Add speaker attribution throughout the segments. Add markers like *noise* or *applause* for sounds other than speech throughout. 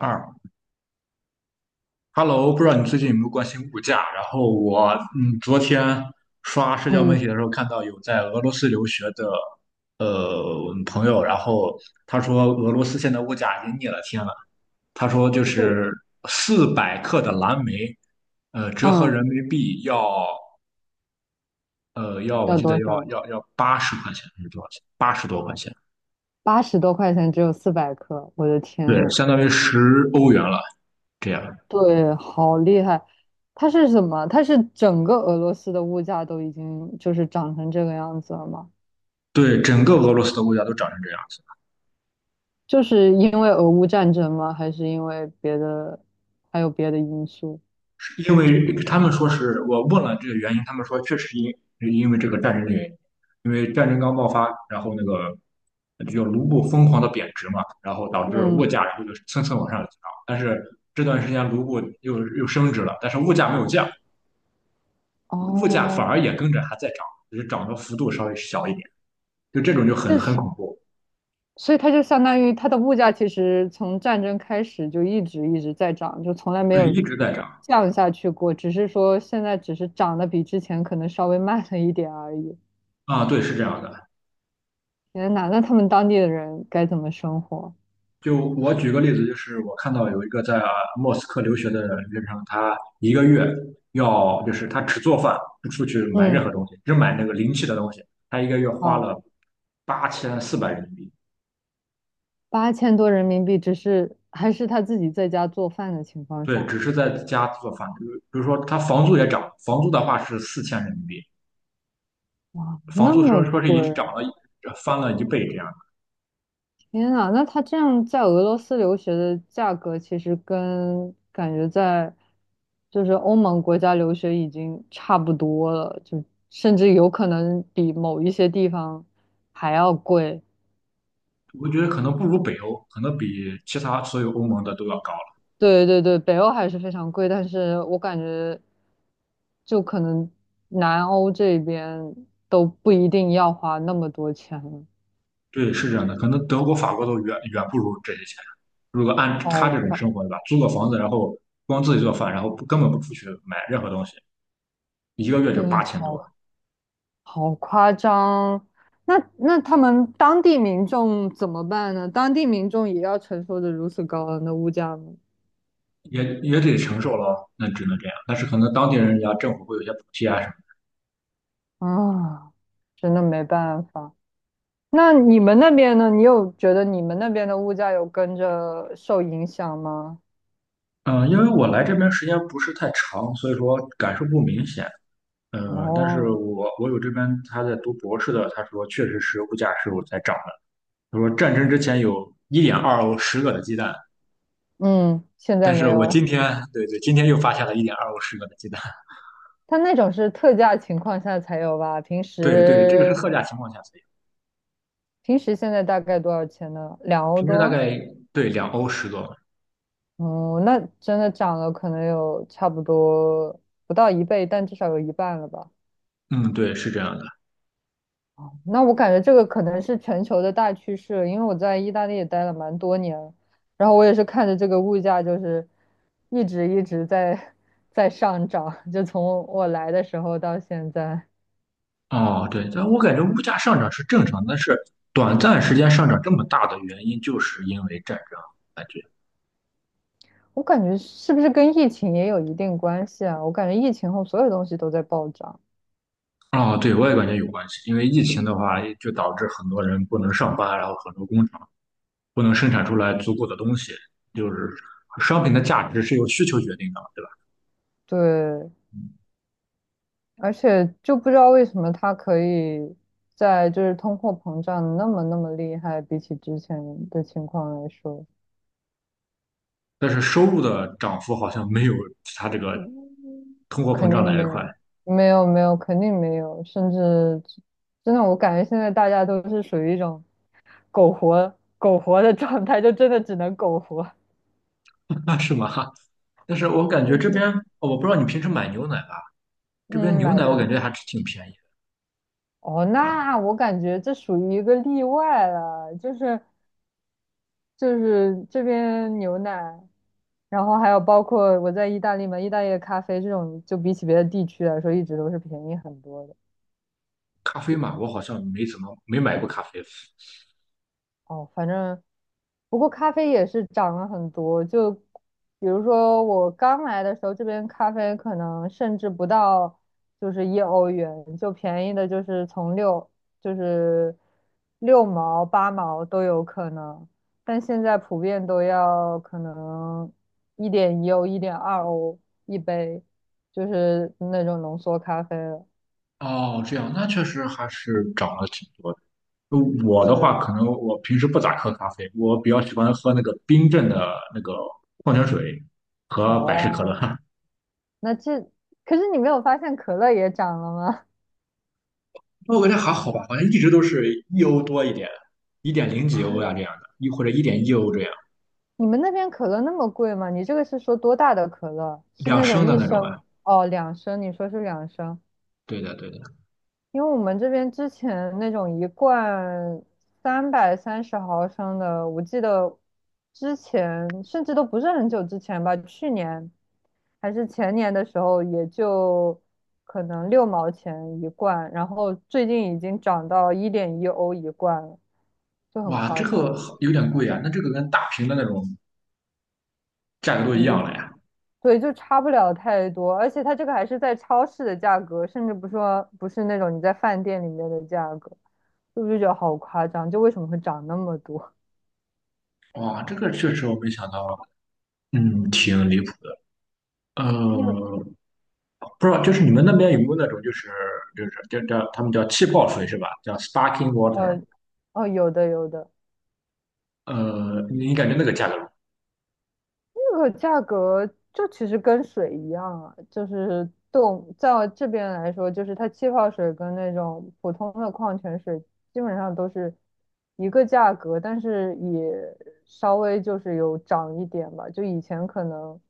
Speaker 1: 二，Hello，不知道你最近有没有关心物价？然后我昨天刷社交媒
Speaker 2: 嗯，
Speaker 1: 体的时候看到有在俄罗斯留学的，朋友，然后他说俄罗斯现在物价已经逆了天了。他说就
Speaker 2: 是，
Speaker 1: 是400克的蓝莓，折合
Speaker 2: 嗯，
Speaker 1: 人民币要，要我
Speaker 2: 要
Speaker 1: 记得
Speaker 2: 多
Speaker 1: 要
Speaker 2: 少？
Speaker 1: 要要80块钱还是多少钱？80多块钱，
Speaker 2: 八十多块钱只有400克，我的天
Speaker 1: 对，
Speaker 2: 呐，
Speaker 1: 相当于10欧元了。这样，
Speaker 2: 对，好厉害！它是什么？它是整个俄罗斯的物价都已经就是涨成这个样子了吗？
Speaker 1: 对，整个俄罗斯的物价都涨成这样。
Speaker 2: 就是因为俄乌战争吗？还是因为别的，还有别的因素？
Speaker 1: 因为他们说是我问了这个原因，他们说确实因为这个战争的原因，因为战争刚爆发，然后那个就卢布疯狂的贬值嘛，然后导致物
Speaker 2: 嗯，
Speaker 1: 价然后就蹭蹭往上涨，但是这段时间卢布又升值了，但是物价没有降，物价反
Speaker 2: 哦，
Speaker 1: 而也跟着还在涨，只是涨的幅度稍微小一点，就这种就很
Speaker 2: 这
Speaker 1: 很
Speaker 2: 是。
Speaker 1: 恐怖。
Speaker 2: 所以它就相当于它的物价其实从战争开始就一直一直在涨，就从来没
Speaker 1: 对，
Speaker 2: 有
Speaker 1: 一直在涨
Speaker 2: 降下去过，只是说现在只是涨得比之前可能稍微慢了一点而已。
Speaker 1: 啊。对，是这样的。
Speaker 2: 天呐，那他们当地的人该怎么生活？
Speaker 1: 就我举个例子，就是我看到有一个在莫斯科留学的留学生，他一个月要就是他只做饭，不出去买任
Speaker 2: 嗯，
Speaker 1: 何东西，只买那个临期的东西，他一个月花
Speaker 2: 哦，
Speaker 1: 了8,400人民币。
Speaker 2: 八千多人民币，只是还是他自己在家做饭的情况
Speaker 1: 对，
Speaker 2: 下，
Speaker 1: 只是在家做饭，比如说他房租也涨，房租的话是4,000人民币，
Speaker 2: 哇，
Speaker 1: 房
Speaker 2: 那
Speaker 1: 租说
Speaker 2: 么
Speaker 1: 说是
Speaker 2: 贵，
Speaker 1: 一涨了翻了一倍这样的。
Speaker 2: 天呐，那他这样在俄罗斯留学的价格，其实跟感觉在就是欧盟国家留学已经差不多了，就甚至有可能比某一些地方还要贵。
Speaker 1: 我觉得可能不如北欧，可能比其他所有欧盟的都要高。
Speaker 2: 对对对，北欧还是非常贵，但是我感觉就可能南欧这边都不一定要花那么多钱了，
Speaker 1: 对，是这样的，可能德国、法国都远远不如这些钱。如果按他
Speaker 2: 好
Speaker 1: 这种
Speaker 2: 快，
Speaker 1: 生活，对吧？租个房子，然后光自己做饭，然后不根本不出去买任何东西，一个月就
Speaker 2: 对，
Speaker 1: 8,000多，
Speaker 2: 好夸张！那他们当地民众怎么办呢？当地民众也要承受着如此高昂的物价吗？
Speaker 1: 也得承受了，那只能这样。但是可能当地人家政府会有一些补贴啊什么。
Speaker 2: 啊，真的没办法。那你们那边呢？你有觉得你们那边的物价有跟着受影响吗？
Speaker 1: 嗯，因为我来这边时间不是太长，所以说感受不明显。但是
Speaker 2: 哦，
Speaker 1: 我有这边他在读博士的，他说确实是物价是有在涨的。他说战争之前有一点二欧十个的鸡蛋，
Speaker 2: 嗯，现在
Speaker 1: 但
Speaker 2: 没
Speaker 1: 是我
Speaker 2: 有了。
Speaker 1: 今天，对对，今天又发现了一点二欧十个的鸡蛋。
Speaker 2: 它那种是特价情况下才有吧？平
Speaker 1: *laughs* 对对，这个是
Speaker 2: 时
Speaker 1: 特价情况下才有，
Speaker 2: 平时现在大概多少钱呢？两欧
Speaker 1: 平时大
Speaker 2: 多？
Speaker 1: 概对2欧10个。
Speaker 2: 哦，那真的涨了，可能有差不多不到一倍，但至少有一半了吧？
Speaker 1: 嗯，对，是这样的。
Speaker 2: 那我感觉这个可能是全球的大趋势，因为我在意大利也待了蛮多年了，然后我也是看着这个物价就是一直一直在 *laughs* 在上涨，就从我来的时候到现在，
Speaker 1: 哦，对，但我感觉物价上涨是正常的但是短暂时间上涨这么大的原因，就是因为战争，感觉。
Speaker 2: 我感觉是不是跟疫情也有一定关系啊？我感觉疫情后所有东西都在暴涨，
Speaker 1: 哦，对，我也感觉有关系，因为疫情的话，就导致很多人不能上班，然后很多工厂不能生产出来足够的东西，就是商品的价值是由需求决定的。对吧？
Speaker 2: 对，而且就不知道为什么它可以在就是通货膨胀那么那么厉害，比起之前的情况来说，
Speaker 1: 但是收入的涨幅好像没有它这个
Speaker 2: 嗯，
Speaker 1: 通货膨
Speaker 2: 肯定
Speaker 1: 胀来得
Speaker 2: 没
Speaker 1: 快。
Speaker 2: 有，没有没有，肯定没有，甚至真的我感觉现在大家都是属于一种苟活苟活的状态，就真的只能苟活。
Speaker 1: *laughs* 是吗？但是我感觉
Speaker 2: 对
Speaker 1: 这
Speaker 2: 对，
Speaker 1: 边，哦我不知道你平时买牛奶吧，这边
Speaker 2: 嗯，
Speaker 1: 牛
Speaker 2: 买
Speaker 1: 奶我感
Speaker 2: 的。
Speaker 1: 觉还是挺便宜的，
Speaker 2: 哦，
Speaker 1: 对吧？
Speaker 2: 那我感觉这属于一个例外了，就是这边牛奶，然后还有包括我在意大利嘛，意大利的咖啡这种，就比起别的地区来说，一直都是便宜很多的。
Speaker 1: 咖啡嘛，我好像没怎么没买过咖啡。
Speaker 2: 哦，反正不过咖啡也是涨了很多，就比如说我刚来的时候，这边咖啡可能甚至不到就是1欧元，就便宜的就是从六就是六毛八毛都有可能，但现在普遍都要可能1.1欧1.2欧一杯，就是那种浓缩咖啡了。
Speaker 1: 哦，这样，那确实还是涨了挺多的。呃我的话，
Speaker 2: 对，
Speaker 1: 可能我平时不咋喝咖啡，我比较喜欢喝那个冰镇的那个矿泉水和百事可
Speaker 2: 哦，
Speaker 1: 乐。*laughs*
Speaker 2: 那这可是你没有发现可乐也涨了吗？
Speaker 1: 我感觉还好吧，好像一直都是1欧多一点，一点零
Speaker 2: *laughs*
Speaker 1: 几欧
Speaker 2: 啊，
Speaker 1: 呀，这样的，一或者1.1欧这样，
Speaker 2: 你们那边可乐那么贵吗？你这个是说多大的可乐？是
Speaker 1: 两
Speaker 2: 那种
Speaker 1: 升的
Speaker 2: 一
Speaker 1: 那种啊。
Speaker 2: 升？哦，两升？你说是两升？
Speaker 1: 对的，对的。
Speaker 2: 因为我们这边之前那种一罐330毫升的，我记得之前甚至都不是很久之前吧，去年还是前年的时候，也就可能六毛钱一罐，然后最近已经涨到一点一欧一罐了，就很
Speaker 1: 哇，
Speaker 2: 夸
Speaker 1: 这
Speaker 2: 张，
Speaker 1: 个好有点贵啊，那这个跟大瓶的那种价格都一
Speaker 2: 已
Speaker 1: 样
Speaker 2: 经
Speaker 1: 了呀。
Speaker 2: 对，就差不了太多，而且它这个还是在超市的价格，甚至不说不是那种你在饭店里面的价格，就不就觉得好夸张？就为什么会涨那么多？
Speaker 1: 哇，这个确实我没想到，嗯，挺离谱的。
Speaker 2: 因为
Speaker 1: 呃，不知道，就是你们那边有没有那种，就是就是叫他们叫气泡水是吧？叫 sparkling
Speaker 2: *laughs*
Speaker 1: water。
Speaker 2: 呃，哦，有的有的，
Speaker 1: 你感觉那个价格？
Speaker 2: 这个价格就其实跟水一样啊，就是对我们在这边来说，就是它气泡水跟那种普通的矿泉水基本上都是一个价格，但是也稍微就是有涨一点吧。就以前可能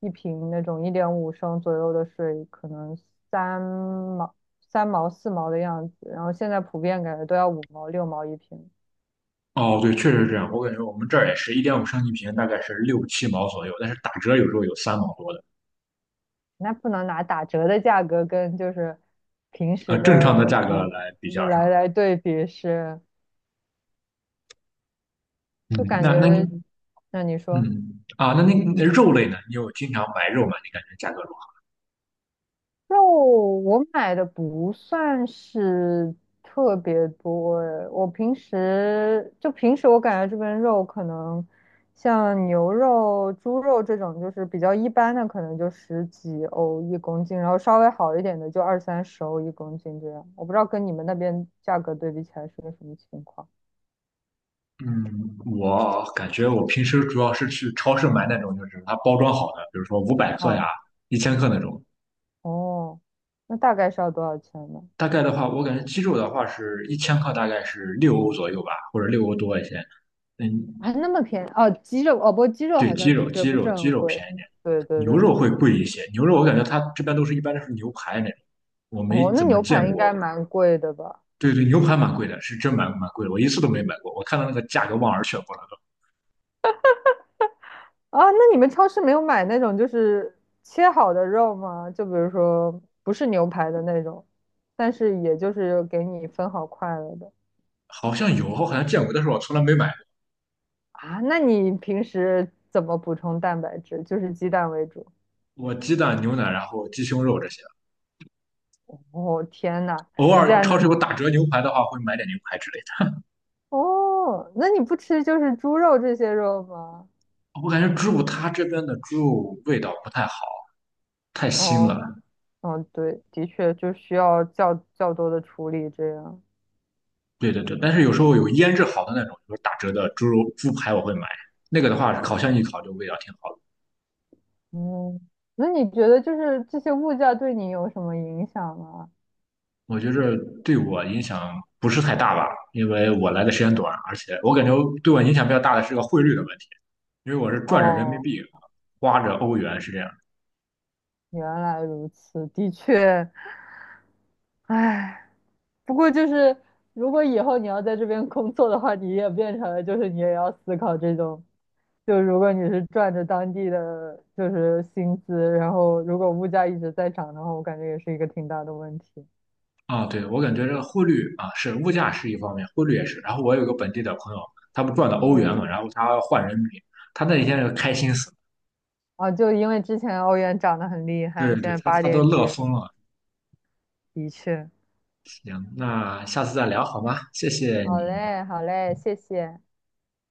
Speaker 2: 一瓶那种1.5升左右的水，可能三毛、三毛、四毛的样子，然后现在普遍感觉都要五毛、六毛一瓶。
Speaker 1: 哦，对，确实是这样。我感觉我们这儿也是1.5升一瓶，大概是6、7毛左右，但是打折有时候有3毛多的。
Speaker 2: 那不能拿打折的价格跟就是平时
Speaker 1: 正常的
Speaker 2: 的
Speaker 1: 价格
Speaker 2: 普
Speaker 1: 来比较上。
Speaker 2: 来来对比是，
Speaker 1: 嗯，
Speaker 2: 就感
Speaker 1: 那那你
Speaker 2: 觉，那你说
Speaker 1: 嗯啊，那肉类呢？你有经常买肉吗？你感觉价格如何？
Speaker 2: 肉我买的不算是特别多诶，我平时我感觉这边肉可能像牛肉、猪肉这种就是比较一般的，可能就十几欧一公斤，然后稍微好一点的就二三十欧一公斤这样，我不知道跟你们那边价格对比起来是个什么情况。
Speaker 1: 嗯，我感觉我平时主要是去超市买那种，就是它包装好的，比如说500克呀、
Speaker 2: 哦，
Speaker 1: 一千克那种。
Speaker 2: 哦，那大概是要多少钱呢？
Speaker 1: 大概的话，我感觉鸡肉的话是一千克，大概是六欧左右吧，或者六欧多一些。嗯，
Speaker 2: 还那么便宜哦，鸡肉哦，不过鸡肉
Speaker 1: 对，
Speaker 2: 好
Speaker 1: 鸡
Speaker 2: 像的
Speaker 1: 肉，
Speaker 2: 确
Speaker 1: 鸡
Speaker 2: 不
Speaker 1: 肉，
Speaker 2: 是
Speaker 1: 鸡
Speaker 2: 很
Speaker 1: 肉
Speaker 2: 贵。
Speaker 1: 便宜点，
Speaker 2: 对对
Speaker 1: 牛
Speaker 2: 对，
Speaker 1: 肉会贵一些。牛肉我感觉它这边都是一般都是牛排那种，我没
Speaker 2: 哦，那
Speaker 1: 怎么
Speaker 2: 牛
Speaker 1: 见
Speaker 2: 排应该
Speaker 1: 过
Speaker 2: 蛮贵的吧？
Speaker 1: 对对，牛排蛮贵的，是真蛮贵的，我一次都没买过。我看到那个价格望而却步了都。
Speaker 2: 啊，那你们超市没有买那种就是切好的肉吗？就比如说不是牛排的那种，但是也就是给你分好块了的。
Speaker 1: 好像有，我好像见过，但是我从来没买
Speaker 2: 啊？那你平时怎么补充蛋白质？就是鸡蛋为主。
Speaker 1: 过。我鸡蛋、牛奶，然后鸡胸肉这些，
Speaker 2: 哦，天呐，
Speaker 1: 偶
Speaker 2: 你竟
Speaker 1: 尔
Speaker 2: 然
Speaker 1: 超
Speaker 2: 能。
Speaker 1: 市有打折牛排的话，会买点牛排之类
Speaker 2: 哦？那你不吃就是猪肉这些肉吗？
Speaker 1: 的。我感觉猪肉它这边的猪肉味道不太好，太腥
Speaker 2: 哦，
Speaker 1: 了。
Speaker 2: 嗯，对，的确就需要较多的处理这样。
Speaker 1: 对对对，但是有时候有腌制好的那种，就是打折的猪肉猪排，我会买。那个的话，烤箱一烤就味道挺好的。
Speaker 2: 嗯，那你觉得就是这些物价对你有什么影响吗？
Speaker 1: 我觉着对我影响不是太大吧，因为我来的时间短，而且我感觉对我影响比较大的是个汇率的问题。因为我是赚着人民
Speaker 2: 哦，
Speaker 1: 币，花着欧元，是这样。
Speaker 2: 原来如此，的确，唉，不过就是如果以后你要在这边工作的话，你也变成了就是你也要思考这种，就如果你是赚着当地的就是薪资，然后如果物价一直在涨的话，我感觉也是一个挺大的问题。
Speaker 1: 啊，对，我感觉这个汇率啊，是物价是一方面，汇率也是。然后我有个本地的朋友，他不赚的欧元
Speaker 2: 嗯。
Speaker 1: 嘛，然后他换人民币，他那一天就开心死了。
Speaker 2: 啊，就因为之前欧元涨得很厉害，
Speaker 1: 对
Speaker 2: 现
Speaker 1: 对，
Speaker 2: 在
Speaker 1: 他
Speaker 2: 八
Speaker 1: 他都
Speaker 2: 点几，
Speaker 1: 乐疯了。
Speaker 2: 的确。
Speaker 1: 行，那下次再聊好吗？谢谢
Speaker 2: 好
Speaker 1: 你。
Speaker 2: 嘞，好嘞，谢谢。